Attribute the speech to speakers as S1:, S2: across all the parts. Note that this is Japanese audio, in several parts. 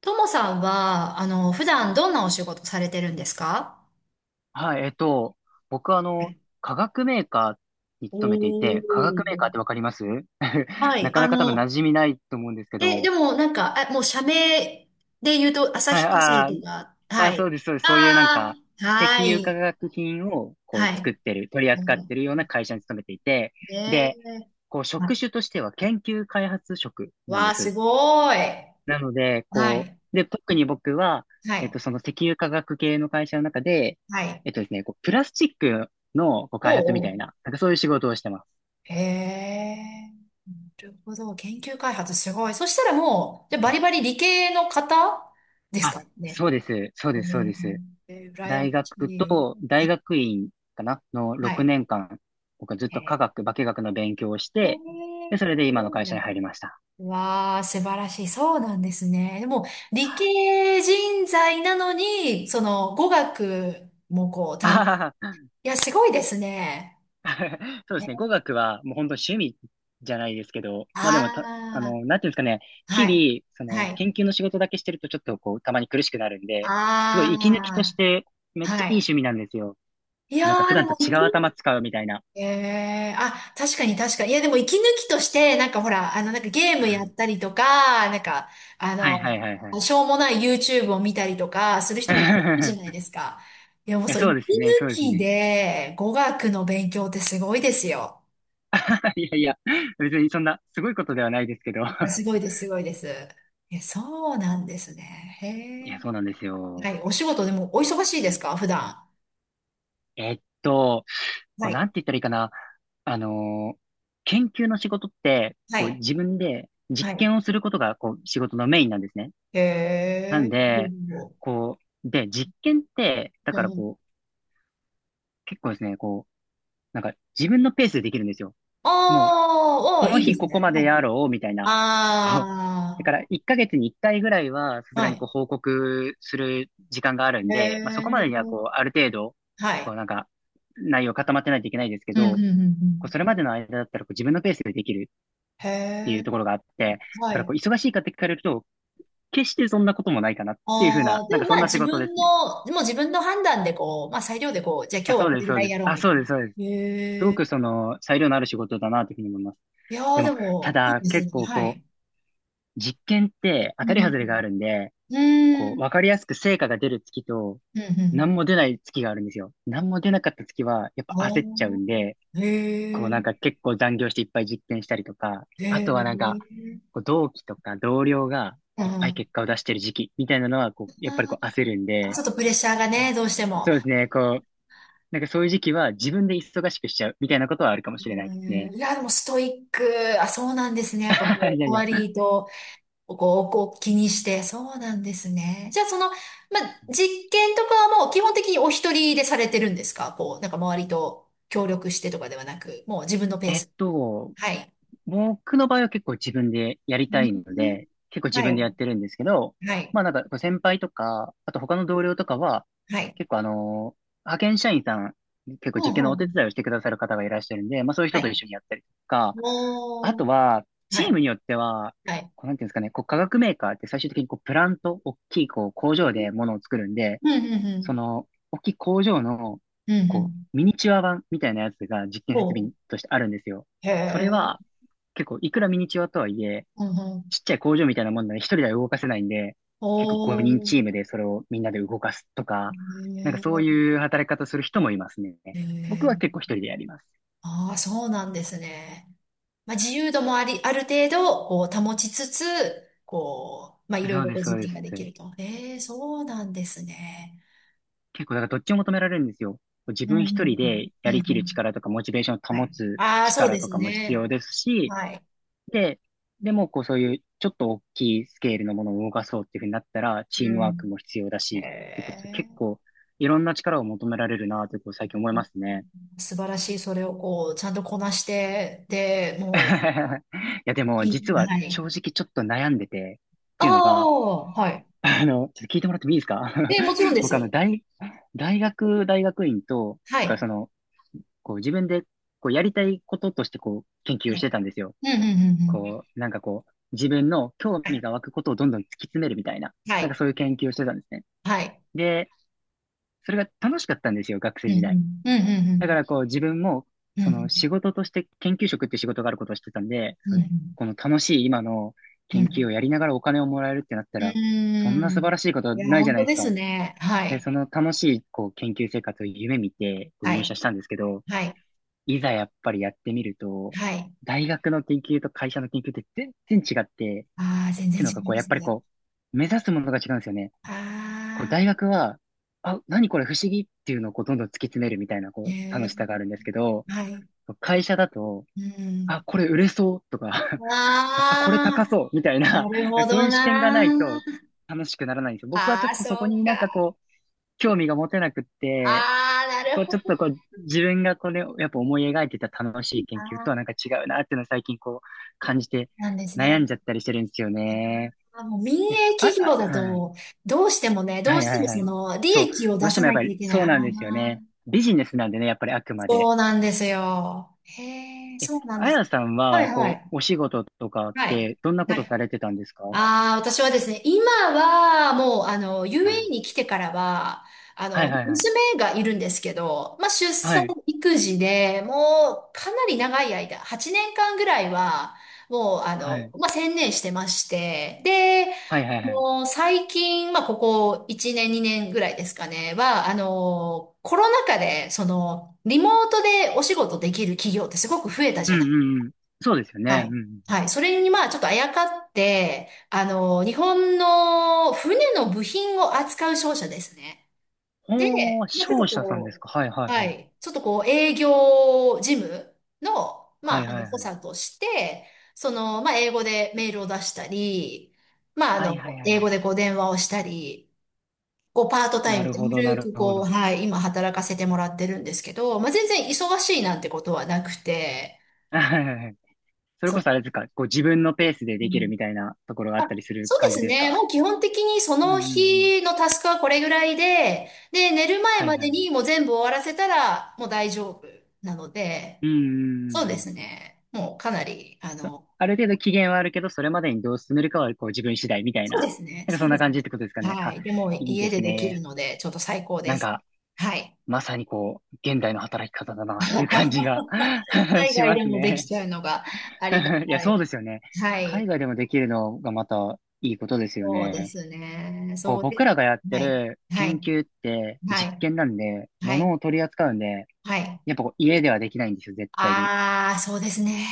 S1: ともさんは、普段どんなお仕事されてるんですか？
S2: はい、僕は化学メーカーに
S1: お
S2: 勤めていて、化学メーカーっ
S1: ー。
S2: てわかります？
S1: は
S2: な
S1: い。
S2: かなか多分馴染みないと思うんですけ
S1: で
S2: ど、
S1: もなんか、あ、もう社名で言うと、
S2: はい、
S1: 旭化成
S2: あ
S1: と
S2: ー
S1: か。
S2: あー、
S1: は
S2: そう
S1: い。
S2: です、そうです。そういうなん
S1: あ
S2: か、
S1: あ、
S2: 石
S1: は
S2: 油化
S1: い。
S2: 学品をこう
S1: は
S2: 作っ
S1: い。
S2: てる、取り扱ってるような会社に勤めていて、
S1: ね、
S2: で、こう
S1: は
S2: 職種
S1: い。
S2: としては研究開発職なん
S1: わ
S2: で
S1: あ、す
S2: す。
S1: ごい。
S2: なので、
S1: は
S2: こ
S1: い。
S2: う、で、特に僕は、
S1: はい。
S2: その石油化学系の会社の中で、
S1: はい。
S2: えっとですね、こう、プラスチックのこう開
S1: お
S2: 発み
S1: うお
S2: たい
S1: う。
S2: な、なんかそういう仕事をしてます。
S1: へえ。なるほど。研究開発すごい。そしたらもう、じゃあ
S2: う
S1: バ
S2: ん
S1: リバリ理系の方です
S2: あ、
S1: かね。
S2: そうです。そうです、そう
S1: ね、
S2: です。
S1: えー、羨ま
S2: 大
S1: し
S2: 学
S1: い。
S2: と、大学院かなの
S1: は
S2: 6
S1: い。
S2: 年間、僕はずっ
S1: へ
S2: と化
S1: え、
S2: 学、化学の勉強をし
S1: へ
S2: て、で、
S1: え、
S2: それで
S1: す
S2: 今の
S1: ごい
S2: 会
S1: な。
S2: 社に入りました。
S1: わあ、素晴らしい。そうなんですね。でも、理系人材なのに、語学もこう、
S2: あ
S1: 担、
S2: はは
S1: いや、すごいですね。
S2: そうですね。
S1: ね。
S2: 語学はもう本当趣味じゃないですけど、まあでも
S1: あ
S2: なんていうんですかね、
S1: あ、はい。
S2: 日々、そ
S1: は
S2: の
S1: い。
S2: 研究の仕事だけしてるとちょっとこう、たまに苦しくなるんで、すごい息抜きと
S1: あ
S2: してめっ
S1: あ、
S2: ちゃ
S1: は
S2: いい
S1: い。
S2: 趣味なんですよ。
S1: い
S2: こ
S1: や
S2: うなんか普
S1: ー、で
S2: 段
S1: も、
S2: と
S1: 理
S2: 違う
S1: 系、
S2: 頭使うみたいな。
S1: ええ、あ、確かに確かに。いや、でも息抜きとして、なんかほら、なんかゲー
S2: う
S1: ムやっ
S2: ん
S1: たりとか、なんか、あ
S2: はいはい
S1: の、
S2: はいはい。
S1: しょうもない YouTube を見たりとか、する人もいるかもじゃないですか。いや、も う
S2: え、
S1: そう、息
S2: そう
S1: 抜
S2: ですね、そうです
S1: き
S2: ね。
S1: で語学の勉強ってすごいですよ。
S2: いやいや、別にそんなすごいことではないですけど。
S1: いや、すごい です、すごいです。え、そうなんですね。
S2: いや、そうなん
S1: へ
S2: です
S1: え。
S2: よ。
S1: はい、お仕事でもお忙しいですか、普段？
S2: えっと、こ
S1: は
S2: う、なん
S1: い、
S2: て言ったらいいかな。あのー研究の仕事って、
S1: は
S2: こう、
S1: い、
S2: 自分で実
S1: はい。
S2: 験をすることが、こう、仕事のメインなんですね。
S1: へ
S2: なん
S1: え。う
S2: で、
S1: んう
S2: こう、で、実験って、だ
S1: ん、
S2: からこう、結構ですね、こう、なんか自分のペースでできるんですよ。もう、
S1: あー、
S2: こ
S1: あー、
S2: の
S1: いいで
S2: 日
S1: す
S2: ここ
S1: ね。
S2: までやろう、みたいな。こう、だか
S1: あ
S2: ら1ヶ月に1回ぐらいは、さす
S1: あ、
S2: が
S1: は
S2: にこう、
S1: い。
S2: 報告する時間があるん
S1: へ
S2: で、まあ、そこまでには、こう、
S1: え、
S2: ある程度、
S1: は
S2: こ
S1: い。
S2: う、なんか、内容固まってないといけないですけ
S1: うんうんう
S2: ど、
S1: んう
S2: こう
S1: ん。
S2: それまでの間だったらこう自分のペースでできる
S1: へ
S2: っていう
S1: え、
S2: ところがあって、だ
S1: は
S2: から
S1: い。
S2: こう忙しいかって聞かれると、決してそんなこともないかなっていうふう
S1: あ
S2: な、
S1: あ、
S2: な
S1: で
S2: ん
S1: も
S2: かそ
S1: ま
S2: ん
S1: あ
S2: な仕
S1: 自
S2: 事で
S1: 分
S2: すね。
S1: の、もも自分の判断でこう、まあ裁量でこう、じゃあ
S2: あ、
S1: 今日は
S2: そう
S1: こ
S2: で
S1: れ
S2: す、
S1: ぐ
S2: そう
S1: ら
S2: で
S1: い
S2: す。
S1: やろう
S2: あ、
S1: み
S2: そう
S1: たい
S2: で
S1: な。
S2: す、そうです。す
S1: へ
S2: ご
S1: え、
S2: くその裁量のある仕事だなというふうに思います。
S1: いや
S2: で
S1: ーで
S2: も、た
S1: も、いい
S2: だ
S1: です
S2: 結
S1: ね。
S2: 構
S1: は
S2: こ
S1: い。
S2: う、実験って当
S1: うん
S2: たり
S1: う
S2: 外れが
S1: ん
S2: あるんで、
S1: う
S2: こう、
S1: ん。
S2: わかりやすく成果が出る月と、
S1: うんうん
S2: 何
S1: う
S2: も出ない月があるんですよ。何も出なかった月は、やっ
S1: ん。
S2: ぱ焦っちゃうん
S1: あ
S2: で、
S1: あ、
S2: こ
S1: へ
S2: う
S1: え、
S2: なんか結構残業していっぱい実験したりとか、
S1: へ
S2: あ
S1: え、
S2: とは
S1: う
S2: なんか、
S1: ん。
S2: こう同期とか同僚がいっぱい
S1: あ
S2: 結果を出してる時期みたいなのは、こう、やっぱりこう焦るん
S1: ー、ち
S2: で、
S1: ょっとプレッシャーがね、どうしても。
S2: そうですね、こう、なんかそういう時期は自分で忙しくしちゃうみたいなことはあるかもしれな
S1: う
S2: いですね。
S1: ん、いや、でもストイック。あ、そうなんですね。やっぱ
S2: い
S1: こ
S2: や
S1: う、
S2: いや。
S1: 割と、こう、こう気にして。そうなんですね。じゃあ、まあ、実験とかはもう基本的にお一人でされてるんですか？こう、なんか周りと協力してとかではなく、もう自分のペー
S2: えっ
S1: ス。
S2: と、
S1: はい。
S2: 僕の場合は結構自分でやり
S1: う
S2: たいの
S1: ん。
S2: で、結構自
S1: は
S2: 分で
S1: い。
S2: やってるんですけど、
S1: はい。
S2: まあなんかこう先輩とか、あと他の同僚とかは、
S1: はい。
S2: 結構あの派遣社員さん、結構
S1: う
S2: 実
S1: ん、
S2: 験の
S1: う
S2: お手
S1: ん。
S2: 伝いをしてくださる方がいらっしゃるんで、まあそういう
S1: は
S2: 人と一
S1: い。
S2: 緒にやったりとか、あ
S1: おー。
S2: とは、
S1: は
S2: チー
S1: い。
S2: ムによっては、
S1: はい。
S2: こうなんていうんですかね、こう化学メーカーって最終的にこうプラント、大きいこう工場で物を作るんで、
S1: うん、うん、う
S2: そ
S1: ん。
S2: の、大きい工場の、
S1: うん、う
S2: こ
S1: ん。
S2: う、ミニチュア版みたいなやつが実験
S1: お
S2: 設備
S1: ー。
S2: としてあるんですよ。
S1: へ
S2: それ
S1: え。
S2: は、結構、いくらミニチュアとはいえ、
S1: うん、うん。
S2: ちっちゃい工場みたいなもんなので、一人では動かせないんで、結構
S1: お
S2: 5人
S1: ー。
S2: チームでそれをみんなで動かすとか、なんか
S1: へ
S2: そう
S1: え。
S2: いう働き方する人もいますね。
S1: へ
S2: 僕
S1: え、
S2: は結構一人でやります。
S1: ああ、そうなんですね。まあ、自由度もあり、ある程度、こう、保ちつつ、こう、まあ、いろい
S2: そう
S1: ろ
S2: で
S1: ご
S2: す、そう
S1: 実
S2: で
S1: 験
S2: す。
S1: ができると。ええ、そうなんですね。
S2: 結構、だからどっちも求められるんですよ。自
S1: うん、
S2: 分
S1: う
S2: 一人
S1: ん、
S2: で
S1: う
S2: や
S1: ん。うんう
S2: りきる
S1: ん、
S2: 力とか、モチベーション
S1: は
S2: を保
S1: い。
S2: つ
S1: ああ、そう
S2: 力
S1: で
S2: と
S1: す
S2: かも必
S1: ね。
S2: 要ですし、
S1: はい。
S2: で、でも、こう、そういう、ちょっと大きいスケールのものを動かそうっていうふうになったら、チー
S1: う
S2: ムワーク
S1: ん。
S2: も必要だ
S1: え
S2: し、ってことで、結
S1: え、
S2: 構、いろんな力を求められるなと、こう、最近思いますね。
S1: 素晴らしい。それをこう、ちゃんとこなして、で、もう、
S2: いや、でも、
S1: い
S2: 実は、
S1: はい。
S2: 正直ちょっと悩んでて、っ
S1: あ
S2: ていうのが、
S1: あ、はい。
S2: ちょっと聞いてもらってもいいですか？
S1: え、もちろん です
S2: 僕、
S1: よ。
S2: 大学、大学院と、
S1: は
S2: だから
S1: い。
S2: その、こう、自分で、こう、やりたいこととして、こう、研究を
S1: は
S2: し
S1: い、
S2: てたんですよ。
S1: うん、うん、うん、うん。
S2: こう、なんかこう、自分の興
S1: は
S2: 味
S1: い。
S2: が湧くことをどんどん突き詰めるみたいな、
S1: は
S2: なんか
S1: い。
S2: そういう研究をしてたんですね。
S1: はい。
S2: で、それが楽しかったんですよ、学
S1: う
S2: 生
S1: ん、う
S2: 時代。
S1: ん、うん、うん、う
S2: だか
S1: ん。
S2: らこう、自分も、
S1: う
S2: その仕
S1: ん、
S2: 事として研究職っていう仕事があることをしてたんで、
S1: うん、
S2: そ
S1: う
S2: の
S1: ん。
S2: この楽しい今の
S1: う
S2: 研究
S1: ん。
S2: をやりながらお金をもらえるってなった
S1: う
S2: ら、そんな
S1: ー
S2: 素晴
S1: ん、
S2: らしいことは
S1: いや、
S2: ないじゃ
S1: 本
S2: ない
S1: 当
S2: です
S1: です
S2: か。
S1: ね。は
S2: で、そ
S1: い。
S2: の楽しいこう研究生活を夢見てこう
S1: は
S2: 入
S1: い。
S2: 社したんですけど、
S1: はい。
S2: いざやっぱりやってみると、
S1: はい。
S2: 大学の研究と会社の研究って全然違って、
S1: ああ、全然
S2: て
S1: 違
S2: いうのが、
S1: い
S2: こう、
S1: ま
S2: やっ
S1: す
S2: ぱり
S1: ね。
S2: こう、目指すものが違うんですよね。こう、大
S1: あ
S2: 学は、あ、何これ不思議っていうのをこう、どんどん突き詰めるみたいな、
S1: あ、へ
S2: こう、楽
S1: え。
S2: しさがあるんですけど、
S1: はい。
S2: 会社だと、
S1: うん。
S2: あ、これ売れそうとか あ、これ高
S1: ああ、
S2: そうみたい
S1: な
S2: な、
S1: るほ
S2: そう
S1: ど
S2: いう視点がない
S1: な。
S2: と楽しくならないんですよ。僕はち
S1: あ
S2: ょっ
S1: あ、
S2: とそこ
S1: そ
S2: に
S1: う
S2: なん
S1: か。
S2: かこう、興味が持てなくって、
S1: ああ、な
S2: こ
S1: る
S2: う、
S1: ほ
S2: ちょっと
S1: ど。
S2: こう、自分がこれ、やっぱ思い描いてた楽しい研究とはなん
S1: あ
S2: か違うなっていうのを最近こう、
S1: あ、
S2: 感じて
S1: なんです
S2: 悩ん
S1: ね。
S2: じゃったりしてるんですよね。
S1: あ、もう民
S2: え
S1: 営
S2: あ、
S1: 企業
S2: あ、
S1: だ
S2: はい。
S1: と、どうしてもね、ど
S2: は
S1: う
S2: い
S1: して
S2: はい
S1: も
S2: は
S1: そ
S2: い。
S1: の、利
S2: そう。
S1: 益を出
S2: どうして
S1: さ
S2: もやっ
S1: な
S2: ぱ
S1: きゃ
S2: り
S1: いけない。
S2: そ
S1: あ
S2: うなんですよ
S1: あ、
S2: ね。ビジネスなんでね、やっぱりあくまで。
S1: そうなんですよ。へえ、
S2: え、
S1: そうなんで
S2: あ
S1: す。
S2: やさん
S1: はい
S2: は、
S1: は
S2: こ
S1: い。
S2: う、お仕事とかっ
S1: はい。
S2: て、どんなこ
S1: は
S2: とさ
S1: い。
S2: れてたんですか？は
S1: ああ、私はですね、今はもう、
S2: い。
S1: UAE に来てからは、
S2: はいはいはい。
S1: 娘がいるんですけど、まあ、出
S2: は
S1: 産
S2: い。
S1: 育児でもう、かなり長い間、8年間ぐらいは、もう、
S2: はい。
S1: まあ、専念してまして、で、
S2: はいはいはい。
S1: もう、最近、まあ、ここ1年、2年ぐらいですかね、は、コロナ禍で、リモートでお仕事できる企業ってすごく増えた
S2: う
S1: じ
S2: ん
S1: ゃない。
S2: うんうん。そうですよ
S1: は
S2: ね。うん
S1: い。
S2: うん
S1: はい。それにまあちょっとあやかって、日本の船の部品を扱う商社ですね。
S2: うん。
S1: で、
S2: ほー、
S1: まあちょっ
S2: 商
S1: と
S2: 社さんです
S1: こ
S2: か？はいは
S1: う、
S2: い
S1: は
S2: はい。
S1: い。ちょっとこう営業事務の、ま
S2: はい
S1: あ、あ
S2: は
S1: の、
S2: い
S1: 補
S2: はい。
S1: 佐として、まあ英語でメールを出したり、まああ
S2: はいはいはいはい
S1: の、
S2: はいはいはい
S1: 英
S2: はいうんうんうんそうですよねうんうんうほー
S1: 語
S2: 商
S1: でこう電話をしたり、こうパートタ
S2: 社
S1: イ
S2: さん
S1: ム
S2: です
S1: で
S2: か？はい
S1: ゆ
S2: はいはいはい
S1: る
S2: はいはいはいはいはいはいなるほどなる
S1: く
S2: ほ
S1: こう、
S2: ど。
S1: はい、今働かせてもらってるんですけど、まあ全然忙しいなんてことはなくて、
S2: はいはいはい。それ
S1: そ
S2: こそあ
S1: う。
S2: れですか、こう自分のペースでできるみたいなところがあったりする
S1: そうで
S2: 感じ
S1: す
S2: です
S1: ね。も
S2: か？
S1: う基本的にそ
S2: うんう
S1: の
S2: んうん。
S1: 日のタスクはこれぐらいで、で、寝る前
S2: はい
S1: ま
S2: は
S1: で
S2: い。
S1: にもう全部終わらせたらもう大丈夫なので、
S2: うんうんう
S1: そ
S2: ん
S1: う
S2: う
S1: で
S2: ん。
S1: すね。もうかなり、
S2: そある程度期限はあるけど、それまでにどう進めるかはこう自分次第みたい
S1: そう
S2: な、
S1: ですね。
S2: なんか
S1: そ
S2: そ
S1: う
S2: ん
S1: で
S2: な
S1: す
S2: 感
S1: ね。
S2: じってことですかね。
S1: は
S2: あ、
S1: い。でも
S2: いいで
S1: 家で
S2: す
S1: できる
S2: ね。
S1: ので、ちょっと最高で
S2: なん
S1: す。
S2: か、
S1: はい。
S2: まさにこう、現代の働き方だなっていう感じが
S1: 海
S2: し
S1: 外
S2: ま
S1: で
S2: す
S1: もでき
S2: ね。
S1: ちゃうのがありが
S2: いや、
S1: たい。
S2: そうですよね。
S1: は
S2: 海
S1: い。
S2: 外でもできるのがまたいいことですよ
S1: そうで
S2: ね。
S1: すね。
S2: こう、
S1: そう
S2: 僕
S1: で、
S2: らがやって
S1: はい。
S2: る
S1: は
S2: 研
S1: い。
S2: 究って
S1: は
S2: 実
S1: い。
S2: 験なんで、
S1: はい。
S2: 物を取り扱うんで、
S1: はい。
S2: やっぱこう家ではできないんですよ、絶対に。
S1: ああ、そうですね。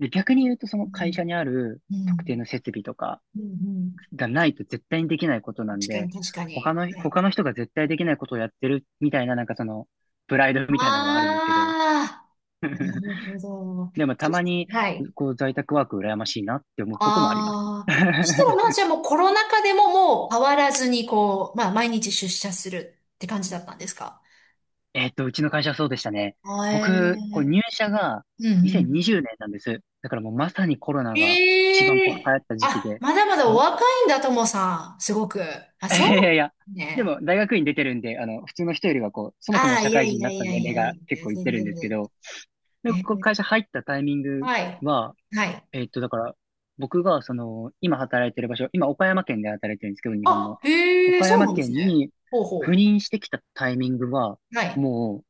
S2: で、逆に言うとその
S1: う
S2: 会
S1: ん
S2: 社にある
S1: う
S2: 特定
S1: ん。
S2: の設備とか、
S1: うんうん。
S2: がないと絶対にできないことなん
S1: 確か
S2: で、
S1: に、確か
S2: 他
S1: に。
S2: の、
S1: はい。
S2: 他の人が絶対できないことをやってるみたいな、なんかその、プライドみたいなのはあるんですけど、
S1: ああ、なるほ ど。
S2: でもた
S1: そ
S2: ま
S1: し、
S2: に、
S1: はい。
S2: こう、在宅ワーク羨ましいなって思うこともあります。
S1: ああ。そしたら、まあ、じゃあもうコロナ禍でももう変わらずに、こう、まあ、毎日出社するって感じだったんですか？
S2: うちの会社はそうでしたね。
S1: あ、え
S2: 僕、こう、
S1: ー、
S2: 入社が
S1: うんうん。
S2: 2020年なんです。だからもうまさにコロナが一番
S1: え
S2: こう流行
S1: え、
S2: った時期
S1: あ、
S2: で、
S1: まだまだ
S2: こ
S1: お
S2: う、
S1: 若いんだ、ともさん。すごく。あ、
S2: いやい
S1: そ
S2: やいや、
S1: う
S2: でも
S1: ね。
S2: 大学院出てるんで、あの、普通の人よりはこう、そもそも
S1: ああ、
S2: 社
S1: いや
S2: 会人
S1: い
S2: に
S1: や
S2: なっ
S1: い
S2: た
S1: や
S2: 年
S1: いや
S2: 齢が
S1: い
S2: 結
S1: や、
S2: 構いって
S1: 全然
S2: るんで
S1: 全
S2: すけ
S1: 然。
S2: ど、で、
S1: え
S2: 僕
S1: ー、
S2: 会社入ったタイミング
S1: はい。
S2: は、
S1: はい。
S2: えっと、だから、僕が、その、今働いてる場所、今岡山県で働いてるんですけど、日本
S1: あ、
S2: の。
S1: へえ、
S2: 岡
S1: そう
S2: 山
S1: なんです
S2: 県
S1: ね。
S2: に
S1: ほう
S2: 赴
S1: ほ
S2: 任してきたタイミングは、
S1: う。はい。
S2: もう、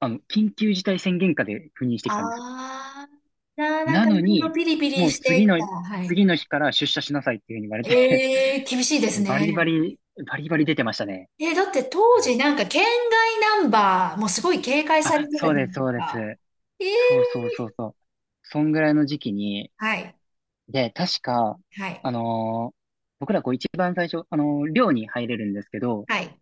S2: あの、緊急事態宣言下で赴任してきたんですよ。
S1: ああ、じゃあなん
S2: な
S1: か
S2: の
S1: いろいろ
S2: に、
S1: ピリピ
S2: も
S1: リ
S2: う
S1: してきた。はい。
S2: 次の日から出社しなさいっていうふうに言われて
S1: ええ、厳しいです
S2: バリバ
S1: ね。
S2: リ、バリバリ出てましたね。
S1: え、だって当時なんか県外ナンバーもすごい警戒され
S2: あ、
S1: てた
S2: そう
S1: じゃ
S2: で
S1: ない
S2: す、
S1: で
S2: そう
S1: す
S2: で
S1: か。
S2: す。
S1: ええ、
S2: そうそうそうそう。そんぐらいの時期に、
S1: はい。
S2: で、確か、
S1: はい。
S2: あのー僕らこう一番最初、寮に入れるんですけど、
S1: はい。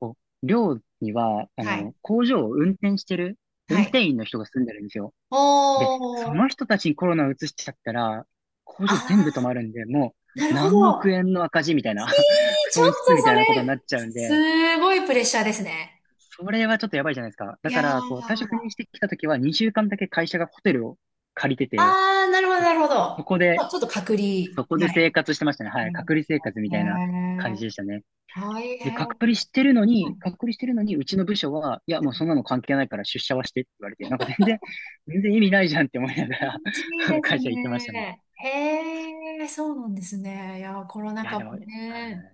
S2: こう寮には、
S1: はい。
S2: 工場を運転してる、
S1: は
S2: 運
S1: い。
S2: 転員の人が住んでるんですよ。
S1: お
S2: で、その
S1: ー。
S2: 人たちにコロナを移しちゃったら、工
S1: あ
S2: 場全部止
S1: あ、
S2: まるんで、も
S1: な
S2: う
S1: るほ
S2: 何億
S1: ど。
S2: 円の赤字みたいな、
S1: え ー、ちょっ
S2: 損失
S1: と
S2: みた
S1: そ
S2: いなことにな
S1: れ、
S2: っちゃうんで、
S1: すごいプレッシャーですね。
S2: それはちょっとやばいじゃないですか。
S1: い
S2: だか
S1: や
S2: ら、こう、最初赴
S1: ー。
S2: 任してきた時は、2週間だけ会社がホテルを借りて
S1: あ
S2: て、
S1: あ、なるほど、
S2: こう
S1: なるほど。
S2: そこで
S1: まあ、ちょっと隔離。
S2: そこで
S1: は
S2: 生
S1: い。
S2: 活してましたね。はい。
S1: なるほ
S2: 隔離生活み
S1: ど
S2: たいな感じ
S1: ね。
S2: でしたね。
S1: 大
S2: で、
S1: 変。
S2: 隔
S1: は
S2: 離
S1: い。
S2: してるのに、隔離してるのに、うちの部署は、いや、もうそんなの関係ないから出社はしてって言われて、なんか全然、全然意味ないじゃんって思いながら
S1: 気、 いい
S2: あの
S1: です
S2: 会社行ってましたね。い
S1: ね。へえ、そうなんですね。いやー、コロナ
S2: や、
S1: 禍
S2: で
S1: も
S2: も、う
S1: ね。
S2: ん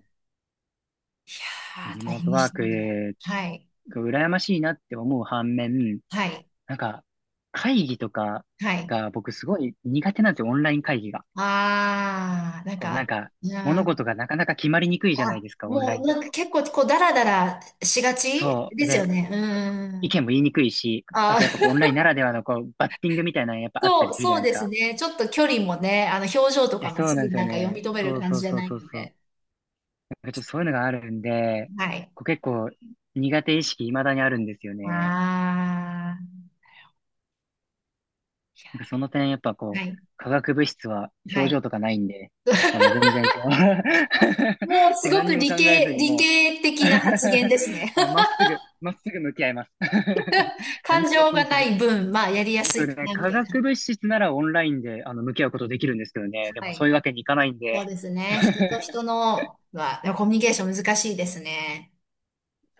S1: い
S2: こう
S1: や
S2: リ
S1: ー、大
S2: モー
S1: 変
S2: ト
S1: で
S2: ワー
S1: した
S2: ク
S1: ね。はい。
S2: が羨ましいなって思う反面、
S1: はい。
S2: なんか、会議とか
S1: はい。
S2: が僕すごい苦手なんですよ、オンライン会議が。
S1: ああ、なん
S2: こう、なん
S1: か、
S2: か、
S1: う
S2: 物
S1: ん。
S2: 事がなかなか決まりにくいじゃない
S1: あ、
S2: ですか、オン
S1: も
S2: ラ
S1: う、
S2: インだ
S1: なんか
S2: と。
S1: 結構、こう、だらだらしがち
S2: そう。
S1: ですよ
S2: で、
S1: ね。う
S2: 意
S1: ん。
S2: 見も言いにくいし、
S1: あ
S2: あ
S1: あ。
S2: とやっぱこうオンラインならではのこうバッティングみたいなのやっぱあった
S1: そ
S2: り
S1: う、
S2: するじゃ
S1: そう
S2: ないです
S1: です
S2: か。
S1: ね。ちょっと距離もね、表情と
S2: い
S1: か
S2: や、
S1: も
S2: そう
S1: す
S2: なん
S1: ぐ
S2: ですよ
S1: なんか読み
S2: ね。
S1: 止める
S2: そう
S1: 感
S2: そ
S1: じ
S2: う
S1: じゃ
S2: そう
S1: ない
S2: そう
S1: の
S2: そう。
S1: で。
S2: なんかちょっとそういうのがあるんで、
S1: はい。
S2: こう結構苦手意識未だにあるんですよね。
S1: あ
S2: なんかその点やっぱ
S1: あ、は
S2: こう、
S1: い、
S2: 化学物質は
S1: は
S2: 表
S1: い。
S2: 情とかないんで、もう全然こう
S1: もうす
S2: こう
S1: ご
S2: 何
S1: く
S2: にも
S1: 理
S2: 考えず
S1: 系、
S2: に
S1: 理
S2: も
S1: 系的な
S2: う
S1: 発言ですね。
S2: もうまっすぐ、まっすぐ向き合います 何
S1: 感
S2: にも
S1: 情
S2: 気
S1: が
S2: にせ
S1: な
S2: ず。
S1: い分、まあ、やりやす
S2: 僕
S1: いか
S2: ね、
S1: な、み
S2: 化
S1: たいな。
S2: 学物質ならオンラインで、あの、向き合うことできるんですけどね。で
S1: は
S2: もそうい
S1: い。
S2: うわけにいかないん
S1: そう
S2: で。
S1: ですね。人と人 のは、コミュニケーション難しいですね。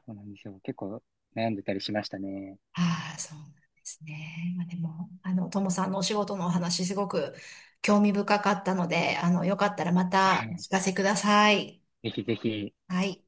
S2: そうなんですよ。結構悩んでたりしましたね。
S1: ああ、そうなんですね。まあ、でも、ともさんのお仕事のお話、すごく興味深かったので、よかったらまたお聞か せください。
S2: ぜひぜひ。
S1: はい。